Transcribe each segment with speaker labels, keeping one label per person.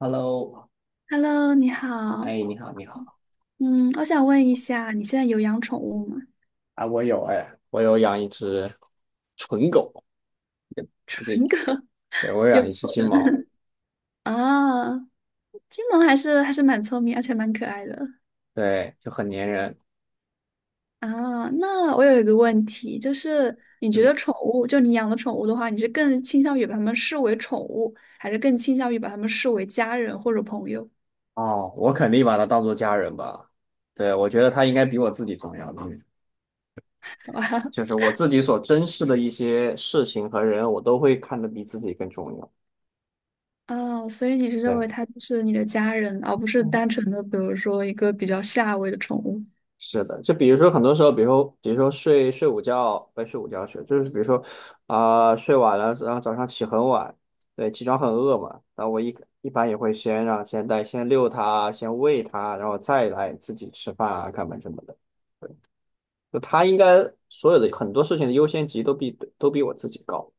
Speaker 1: Hello，
Speaker 2: Hello，你好。
Speaker 1: 哎，你好，你好，
Speaker 2: 嗯，我想问一下，你现在有养宠物吗？
Speaker 1: 啊，我有养一只纯狗，也也 对，我有
Speaker 2: 有
Speaker 1: 养一只金毛，
Speaker 2: 啊，金毛还是蛮聪明，而且蛮可爱的
Speaker 1: 对，就很粘人。
Speaker 2: 啊。那我有一个问题，就是你觉
Speaker 1: 嗯。
Speaker 2: 得宠物，就你养的宠物的话，你是更倾向于把它们视为宠物，还是更倾向于把它们视为家人或者朋友？
Speaker 1: 哦，我肯定把它当做家人吧。对，我觉得它应该比我自己重要的
Speaker 2: 好吧。
Speaker 1: 就是我自己所珍视的一些事情和人，我都会看得比自己更重要。
Speaker 2: 哦，所以你是认
Speaker 1: 对，
Speaker 2: 为它就是你的家人，而不是单纯的，比如说一个比较下位的宠物。
Speaker 1: 是的，就比如说很多时候，比如说睡午觉，不是睡午觉去，就是比如说啊、睡晚了，然后早上起很晚，对，起床很饿嘛，然后我一般也会先遛它，先喂它，然后再来自己吃饭啊、干嘛什么的。就它应该所有的很多事情的优先级都比我自己高，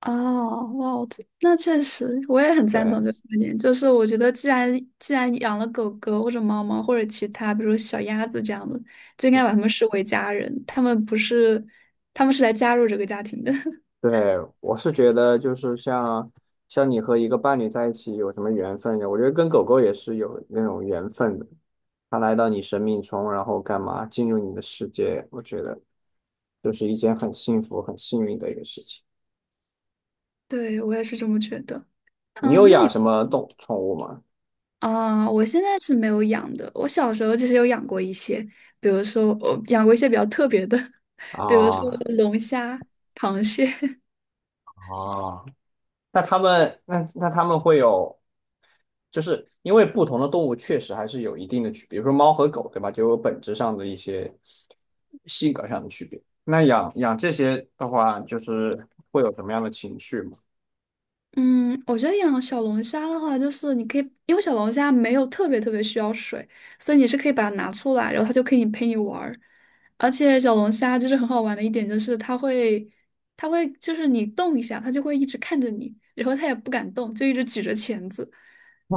Speaker 2: 哦，哇，我这那确实，我也很赞同这个
Speaker 1: 对。
Speaker 2: 观点。就是我觉得，既然养了狗狗或者猫猫或者其他，比如小鸭子这样的，就应该把它们视为家人。他们不是，他们是来加入这个家庭的。
Speaker 1: 对，我是觉得就是像你和一个伴侣在一起有什么缘分的，我觉得跟狗狗也是有那种缘分的。它来到你生命中，然后干嘛进入你的世界，我觉得就是一件很幸福、很幸运的一个事情。
Speaker 2: 对，我也是这么觉得。
Speaker 1: 你有
Speaker 2: 嗯，那你
Speaker 1: 养什么宠物吗？
Speaker 2: 啊，我现在是没有养的。我小时候其实有养过一些，比如说我养过一些比较特别的，比如说
Speaker 1: 啊。
Speaker 2: 龙虾、螃蟹。
Speaker 1: 啊。那他们会有，就是因为不同的动物确实还是有一定的区别，比如说猫和狗，对吧？就有本质上的一些性格上的区别。那养这些的话，就是会有什么样的情绪吗？
Speaker 2: 嗯，我觉得养小龙虾的话，就是你可以，因为小龙虾没有特别需要水，所以你是可以把它拿出来，然后它就可以陪你玩儿。而且小龙虾就是很好玩的一点，就是它会，它会就是你动一下，它就会一直看着你，然后它也不敢动，就一直举着钳子。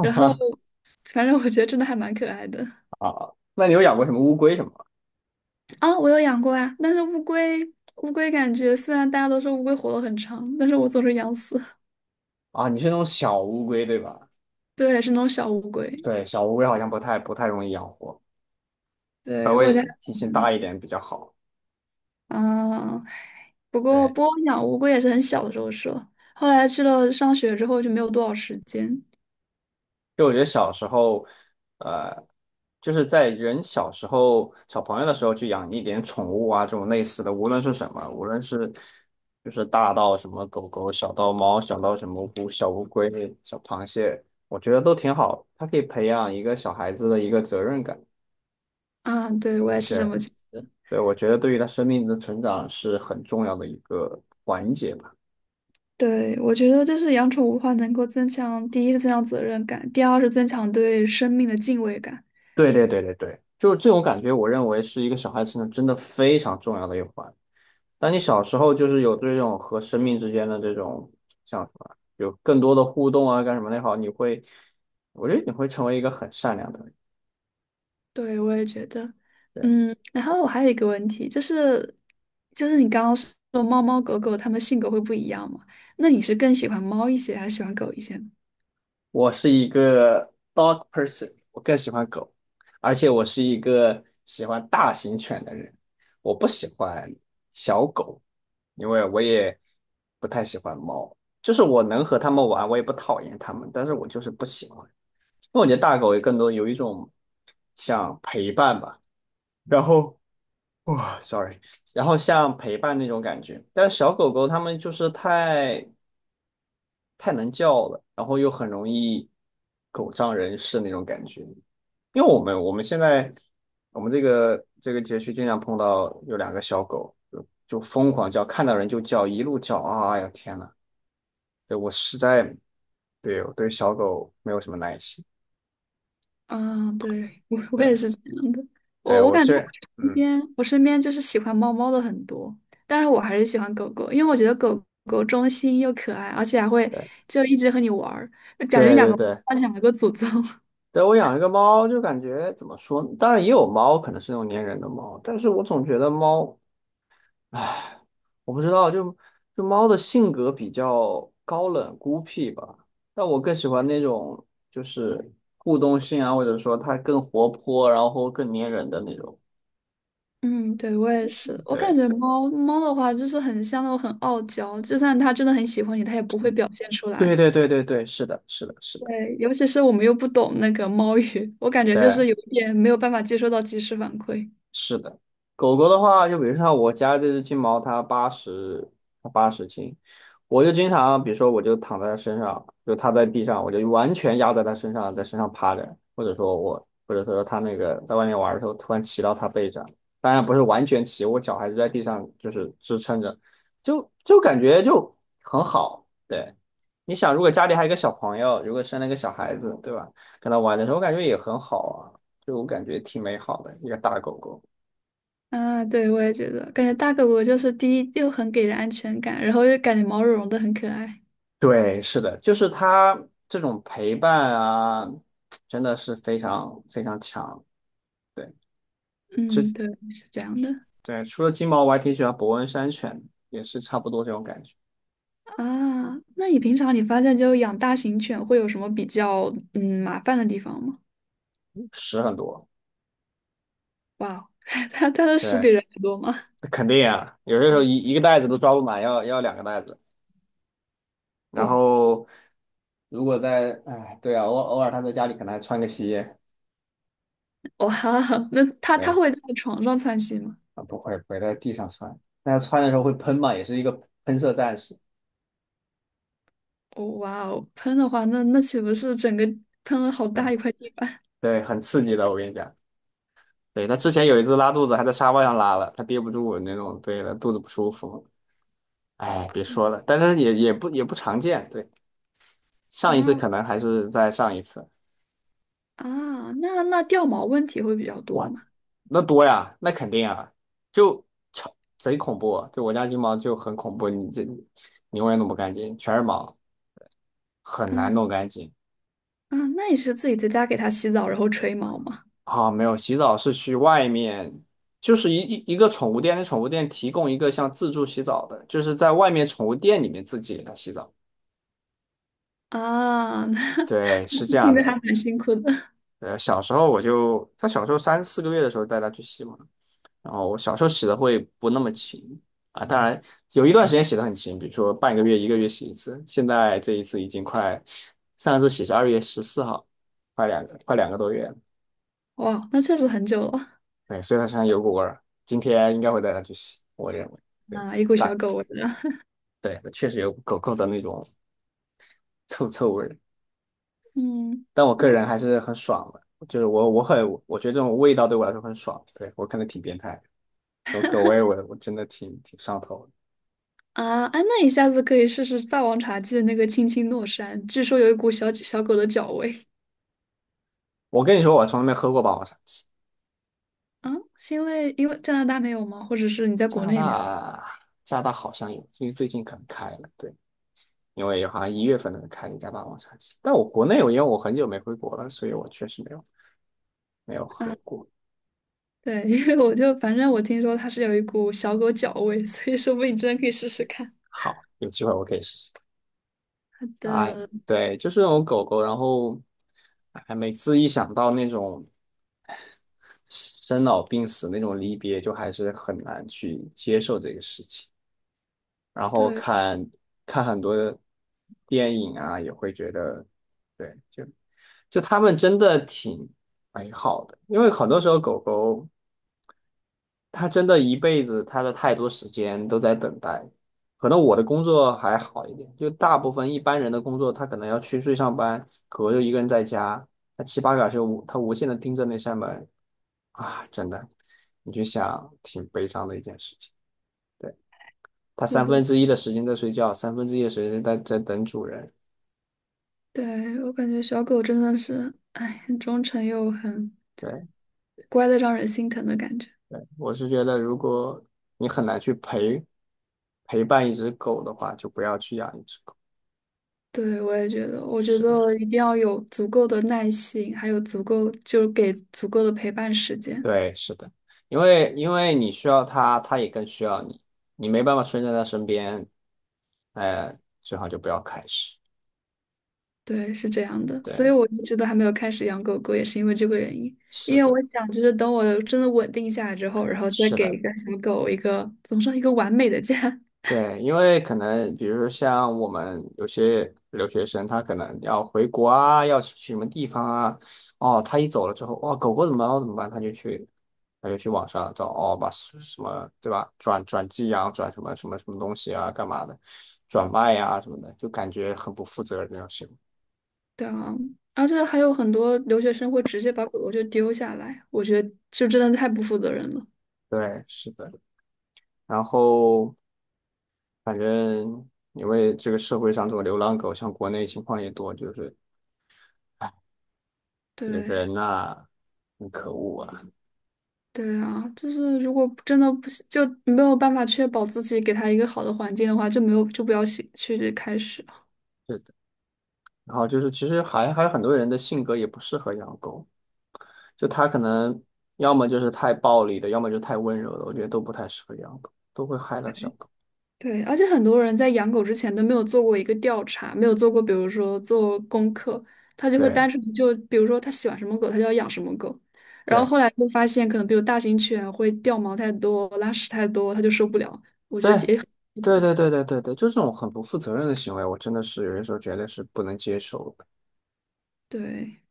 Speaker 2: 然后，反正我觉得真的还蛮可爱的。
Speaker 1: 啊，那你有养过什么乌龟什么吗？
Speaker 2: 啊、我有养过啊，但是乌龟，乌龟感觉虽然大家都说乌龟活得很长，但是我总是养死。
Speaker 1: 啊，你是那种小乌龟对吧？
Speaker 2: 对，是那种小乌龟。
Speaker 1: 对，小乌龟好像不太容易养活，稍
Speaker 2: 对，我
Speaker 1: 微
Speaker 2: 家。
Speaker 1: 体型大一点比较好。
Speaker 2: 嗯，不过
Speaker 1: 对。
Speaker 2: 波音养乌龟也是很小的时候说，后来去了上学之后就没有多少时间。
Speaker 1: 就我觉得小时候，呃，就是在人小时候、小朋友的时候去养一点宠物啊，这种类似的，无论是什么，无论是就是大到什么狗狗，小到猫，小到什么小乌龟、小螃蟹，我觉得都挺好。它可以培养一个小孩子的一个责任感。
Speaker 2: 啊，对，我也是这么
Speaker 1: 对。
Speaker 2: 觉得。
Speaker 1: 对，我觉得对于他生命的成长是很重要的一个环节吧。
Speaker 2: 对，我觉得就是养宠物的话，能够增强第一个增强责任感，第二是增强对生命的敬畏感。
Speaker 1: 对对对对对，就是这种感觉，我认为是一个小孩成长真的非常重要的一环。那你小时候就是有这种和生命之间的这种像什么，有更多的互动啊，干什么的也好，你会，我觉得你会成为一个很善良的人。
Speaker 2: 对，我也觉得。
Speaker 1: 对，
Speaker 2: 嗯，然后我还有一个问题，就是你刚刚说猫猫狗狗它们性格会不一样嘛？那你是更喜欢猫一些，还是喜欢狗一些呢？
Speaker 1: 我是一个 dog person，我更喜欢狗，而且我是一个喜欢大型犬的人，我不喜欢小狗，因为我也不太喜欢猫。就是我能和它们玩，我也不讨厌它们，但是我就是不喜欢，因为我觉得大狗也更多有一种像陪伴吧。然后哇，sorry，然后像陪伴那种感觉，但是小狗狗它们就是太能叫了，然后又很容易狗仗人势那种感觉。因为我们这个街区经常碰到有两个小狗，就疯狂叫，看到人就叫，一路叫啊！哎呀天呐，对我实在对我对小狗没有什么耐心。
Speaker 2: 啊，对，我也
Speaker 1: 对
Speaker 2: 是这样的。
Speaker 1: 对，
Speaker 2: 我
Speaker 1: 我
Speaker 2: 感觉我
Speaker 1: 是
Speaker 2: 身
Speaker 1: 嗯，
Speaker 2: 边我身边就是喜欢猫猫的很多，但是我还是喜欢狗狗，因为我觉得狗狗忠心又可爱，而且还会
Speaker 1: 对
Speaker 2: 就一直和你玩儿，就感觉
Speaker 1: 对
Speaker 2: 养
Speaker 1: 对
Speaker 2: 个
Speaker 1: 对，
Speaker 2: 猫养了个祖宗。
Speaker 1: 对，我养一个猫，就感觉怎么说呢，当然也有猫，可能是那种粘人的猫，但是我总觉得猫，唉，我不知道，就猫的性格比较高冷孤僻吧。但我更喜欢那种就是互动性啊，或者说它更活泼，然后更粘人的那种。
Speaker 2: 嗯，对，我也是。我感
Speaker 1: 对，
Speaker 2: 觉猫猫的话，就是很像那种很傲娇，就算它真的很喜欢你，它也不会表现出来。
Speaker 1: 对对对对对，是的，是的，是的，
Speaker 2: 对，尤其是我们又不懂那个猫语，我感觉就
Speaker 1: 对。
Speaker 2: 是有一点没有办法接收到及时反馈。
Speaker 1: 是的，狗狗的话，就比如像我家这只金毛，它80斤，我就经常，比如说我就躺在它身上，就它在地上，我就完全压在它身上，在身上趴着，或者说我，或者说它那个在外面玩的时候，突然骑到它背上，当然不是完全骑，我脚还是在地上就是支撑着，就感觉就很好。对，你想，如果家里还有一个小朋友，如果生了一个小孩子，对吧？跟他玩的时候，我感觉也很好啊，就我感觉挺美好的一个大狗狗。
Speaker 2: 啊，对，我也觉得，感觉大狗不就是第一又很给人安全感，然后又感觉毛茸茸的很可爱。
Speaker 1: 对，是的，就是他这种陪伴啊，真的是非常非常强。对。这
Speaker 2: 嗯，对，是这样的
Speaker 1: 对除了金毛，我还挺喜欢伯恩山犬，也是差不多这种感觉。
Speaker 2: 啊。那你平常你发现就养大型犬会有什么比较麻烦的地方吗？
Speaker 1: 屎很多。
Speaker 2: 哇哦，它的屎
Speaker 1: 对，
Speaker 2: 比人还多吗？
Speaker 1: 肯定啊，有些时候一个袋子都装不满，要两个袋子。然
Speaker 2: 哇
Speaker 1: 后如果在，哎，对啊，偶尔他在家里可能还穿个鞋，
Speaker 2: 哇，那它
Speaker 1: 对，
Speaker 2: 会在床上窜稀吗？
Speaker 1: 啊，不会不会在地上穿，但他穿的时候会喷嘛，也是一个喷射战士。
Speaker 2: 哦哇哦，喷的话，那岂不是整个喷了好
Speaker 1: 对
Speaker 2: 大一块地板
Speaker 1: 对，很刺激的，我跟你讲。对，他之前有一次拉肚子，还在沙发上拉了，他憋不住那种，对的，肚子不舒服。哎，别说了，但是也不常见。对，上一次
Speaker 2: 啊
Speaker 1: 可能还是在上一次。
Speaker 2: 啊？那掉毛问题会比较多
Speaker 1: 哇，
Speaker 2: 吗？
Speaker 1: 那多呀，那肯定啊，就超贼恐怖啊。就我家金毛就很恐怖，你永远弄不干净，全是毛，很难
Speaker 2: 嗯。
Speaker 1: 弄干净。
Speaker 2: 啊，那你是自己在家给它洗澡，然后吹毛吗？
Speaker 1: 啊、没有，洗澡是去外面，就是一个宠物店，那宠物店提供一个像自助洗澡的，就是在外面宠物店里面自己给它洗澡。
Speaker 2: 啊，那
Speaker 1: 对，是这 样
Speaker 2: 听着还
Speaker 1: 的。
Speaker 2: 蛮辛苦的。
Speaker 1: 呃，小时候我就，他小时候3、4个月的时候带他去洗嘛，然后我小时候洗的会不那么勤啊，当然有一段时间洗的很勤，比如说半个月、1个月洗一次。现在这一次已经快，上一次洗是2月14号，快2个多月了。
Speaker 2: 哇，那确实很久了
Speaker 1: 对，所以他身上有股味儿，今天应该会带他去洗，我认为。对。
Speaker 2: 啊，一股
Speaker 1: 大
Speaker 2: 小狗味了。
Speaker 1: 对，确实有狗狗的那种 臭臭味儿，
Speaker 2: 嗯
Speaker 1: 但我个人还是很爽的。就是我我很我觉得这种味道对我来说很爽，对我看能挺变态。有葛威我我真的挺挺上头的。
Speaker 2: 啊，哎，那你下次可以试试霸王茶姬的那个青青诺山，据说有一股小小狗的脚味
Speaker 1: 我跟你说，我从来没喝过霸王茶姬。
Speaker 2: 啊，是因为加拿大没有吗？或者是你在
Speaker 1: 加
Speaker 2: 国
Speaker 1: 拿
Speaker 2: 内没有？
Speaker 1: 大，加拿大好像有，最最近可能开了，对，因为好像1月份可能开了一家霸王茶姬。但我国内，我因为我很久没回国了，所以我确实没有没有喝
Speaker 2: 啊，
Speaker 1: 过。
Speaker 2: 对，因为我就反正我听说它是有一股小狗脚味，所以说不定你真的可以试试看。
Speaker 1: 好，有机会我可以试试看。哎，
Speaker 2: 的，
Speaker 1: 对，就是那种狗狗，然后，哎，每次一想到那种生老病死那种离别，就还是很难去接受这个事情。然后
Speaker 2: 对，
Speaker 1: 看看很多电影啊，也会觉得，对，就就他们真的挺美好的，因为很多时候狗狗它真的一辈子，它的太多时间都在等待。可能我的工作还好一点，就大部分一般人的工作，他可能要去去上班，狗狗就一个人在家，它七八个小时无，他无限的盯着那扇门啊，真的，你就想挺悲伤的一件事情。对。他
Speaker 2: 是
Speaker 1: 三
Speaker 2: 的。
Speaker 1: 分之一的时间在睡觉，三分之一的时间在在等主人。
Speaker 2: 对，我感觉小狗真的是，哎，很忠诚又很
Speaker 1: 对。
Speaker 2: 乖的让人心疼的感觉。
Speaker 1: 对，我是觉得，如果你很难去陪伴一只狗的话，就不要去养一只狗。
Speaker 2: 对，我也觉得，我觉
Speaker 1: 是的，
Speaker 2: 得一定要有足够的耐心，还有足够，就是给足够的陪伴时间。
Speaker 1: 对，是的，因为因为你需要它，它也更需要你，你没办法出现在它身边，哎、最好就不要开始。
Speaker 2: 对，是这样的，
Speaker 1: 对，
Speaker 2: 所以我一直都还没有开始养狗狗，也是因为这个原因。
Speaker 1: 是
Speaker 2: 因为
Speaker 1: 的，
Speaker 2: 我想，就是等我真的稳定下来之后，然后再
Speaker 1: 是
Speaker 2: 给一
Speaker 1: 的。
Speaker 2: 个小狗一个，怎么说，一个完美的家。
Speaker 1: 对，因为可能比如说像我们有些留学生，他可能要回国啊，要去什么地方啊，哦，他一走了之后，哇，狗狗怎么办？我怎么办？他就去，他就去网上找，哦，把什么，对吧？转寄养，转什么什么什么东西啊，干嘛的，转卖啊什么的，就感觉很不负责任那种行为。
Speaker 2: 对啊，而且还有很多留学生会直接把狗狗就丢下来，我觉得就真的太不负责任了。
Speaker 1: 对，是的。然后反正因为这个社会上这种流浪狗，像国内情况也多，就是，哎，这个
Speaker 2: 对，
Speaker 1: 人呐、很可恶啊。
Speaker 2: 对啊，就是如果真的不行，就没有办法确保自己给它一个好的环境的话，就没有就不要去去开始。
Speaker 1: 的。然后就是其实还还有很多人的性格也不适合养狗，就他可能要么就是太暴力的，要么就太温柔的，我觉得都不太适合养狗，都会害了小狗。
Speaker 2: 对，而且很多人在养狗之前都没有做过一个调查，没有做过，比如说做功课，他就会单
Speaker 1: 对
Speaker 2: 纯就比如说他喜欢什么狗，他就要养什么狗。然后后来就发现，可能比如大型犬会掉毛太多、拉屎太多，他就受不了，
Speaker 1: 对
Speaker 2: 负
Speaker 1: 对
Speaker 2: 责。
Speaker 1: 对对对对对对，就这种很不负责任的行为，我真的是有些时候觉得是不能接受的。
Speaker 2: 对。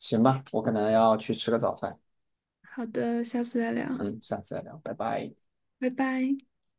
Speaker 1: 行吧，我可能要去吃个早饭，
Speaker 2: 好的，下次再聊，
Speaker 1: 嗯，下次再聊，拜拜。
Speaker 2: 拜拜。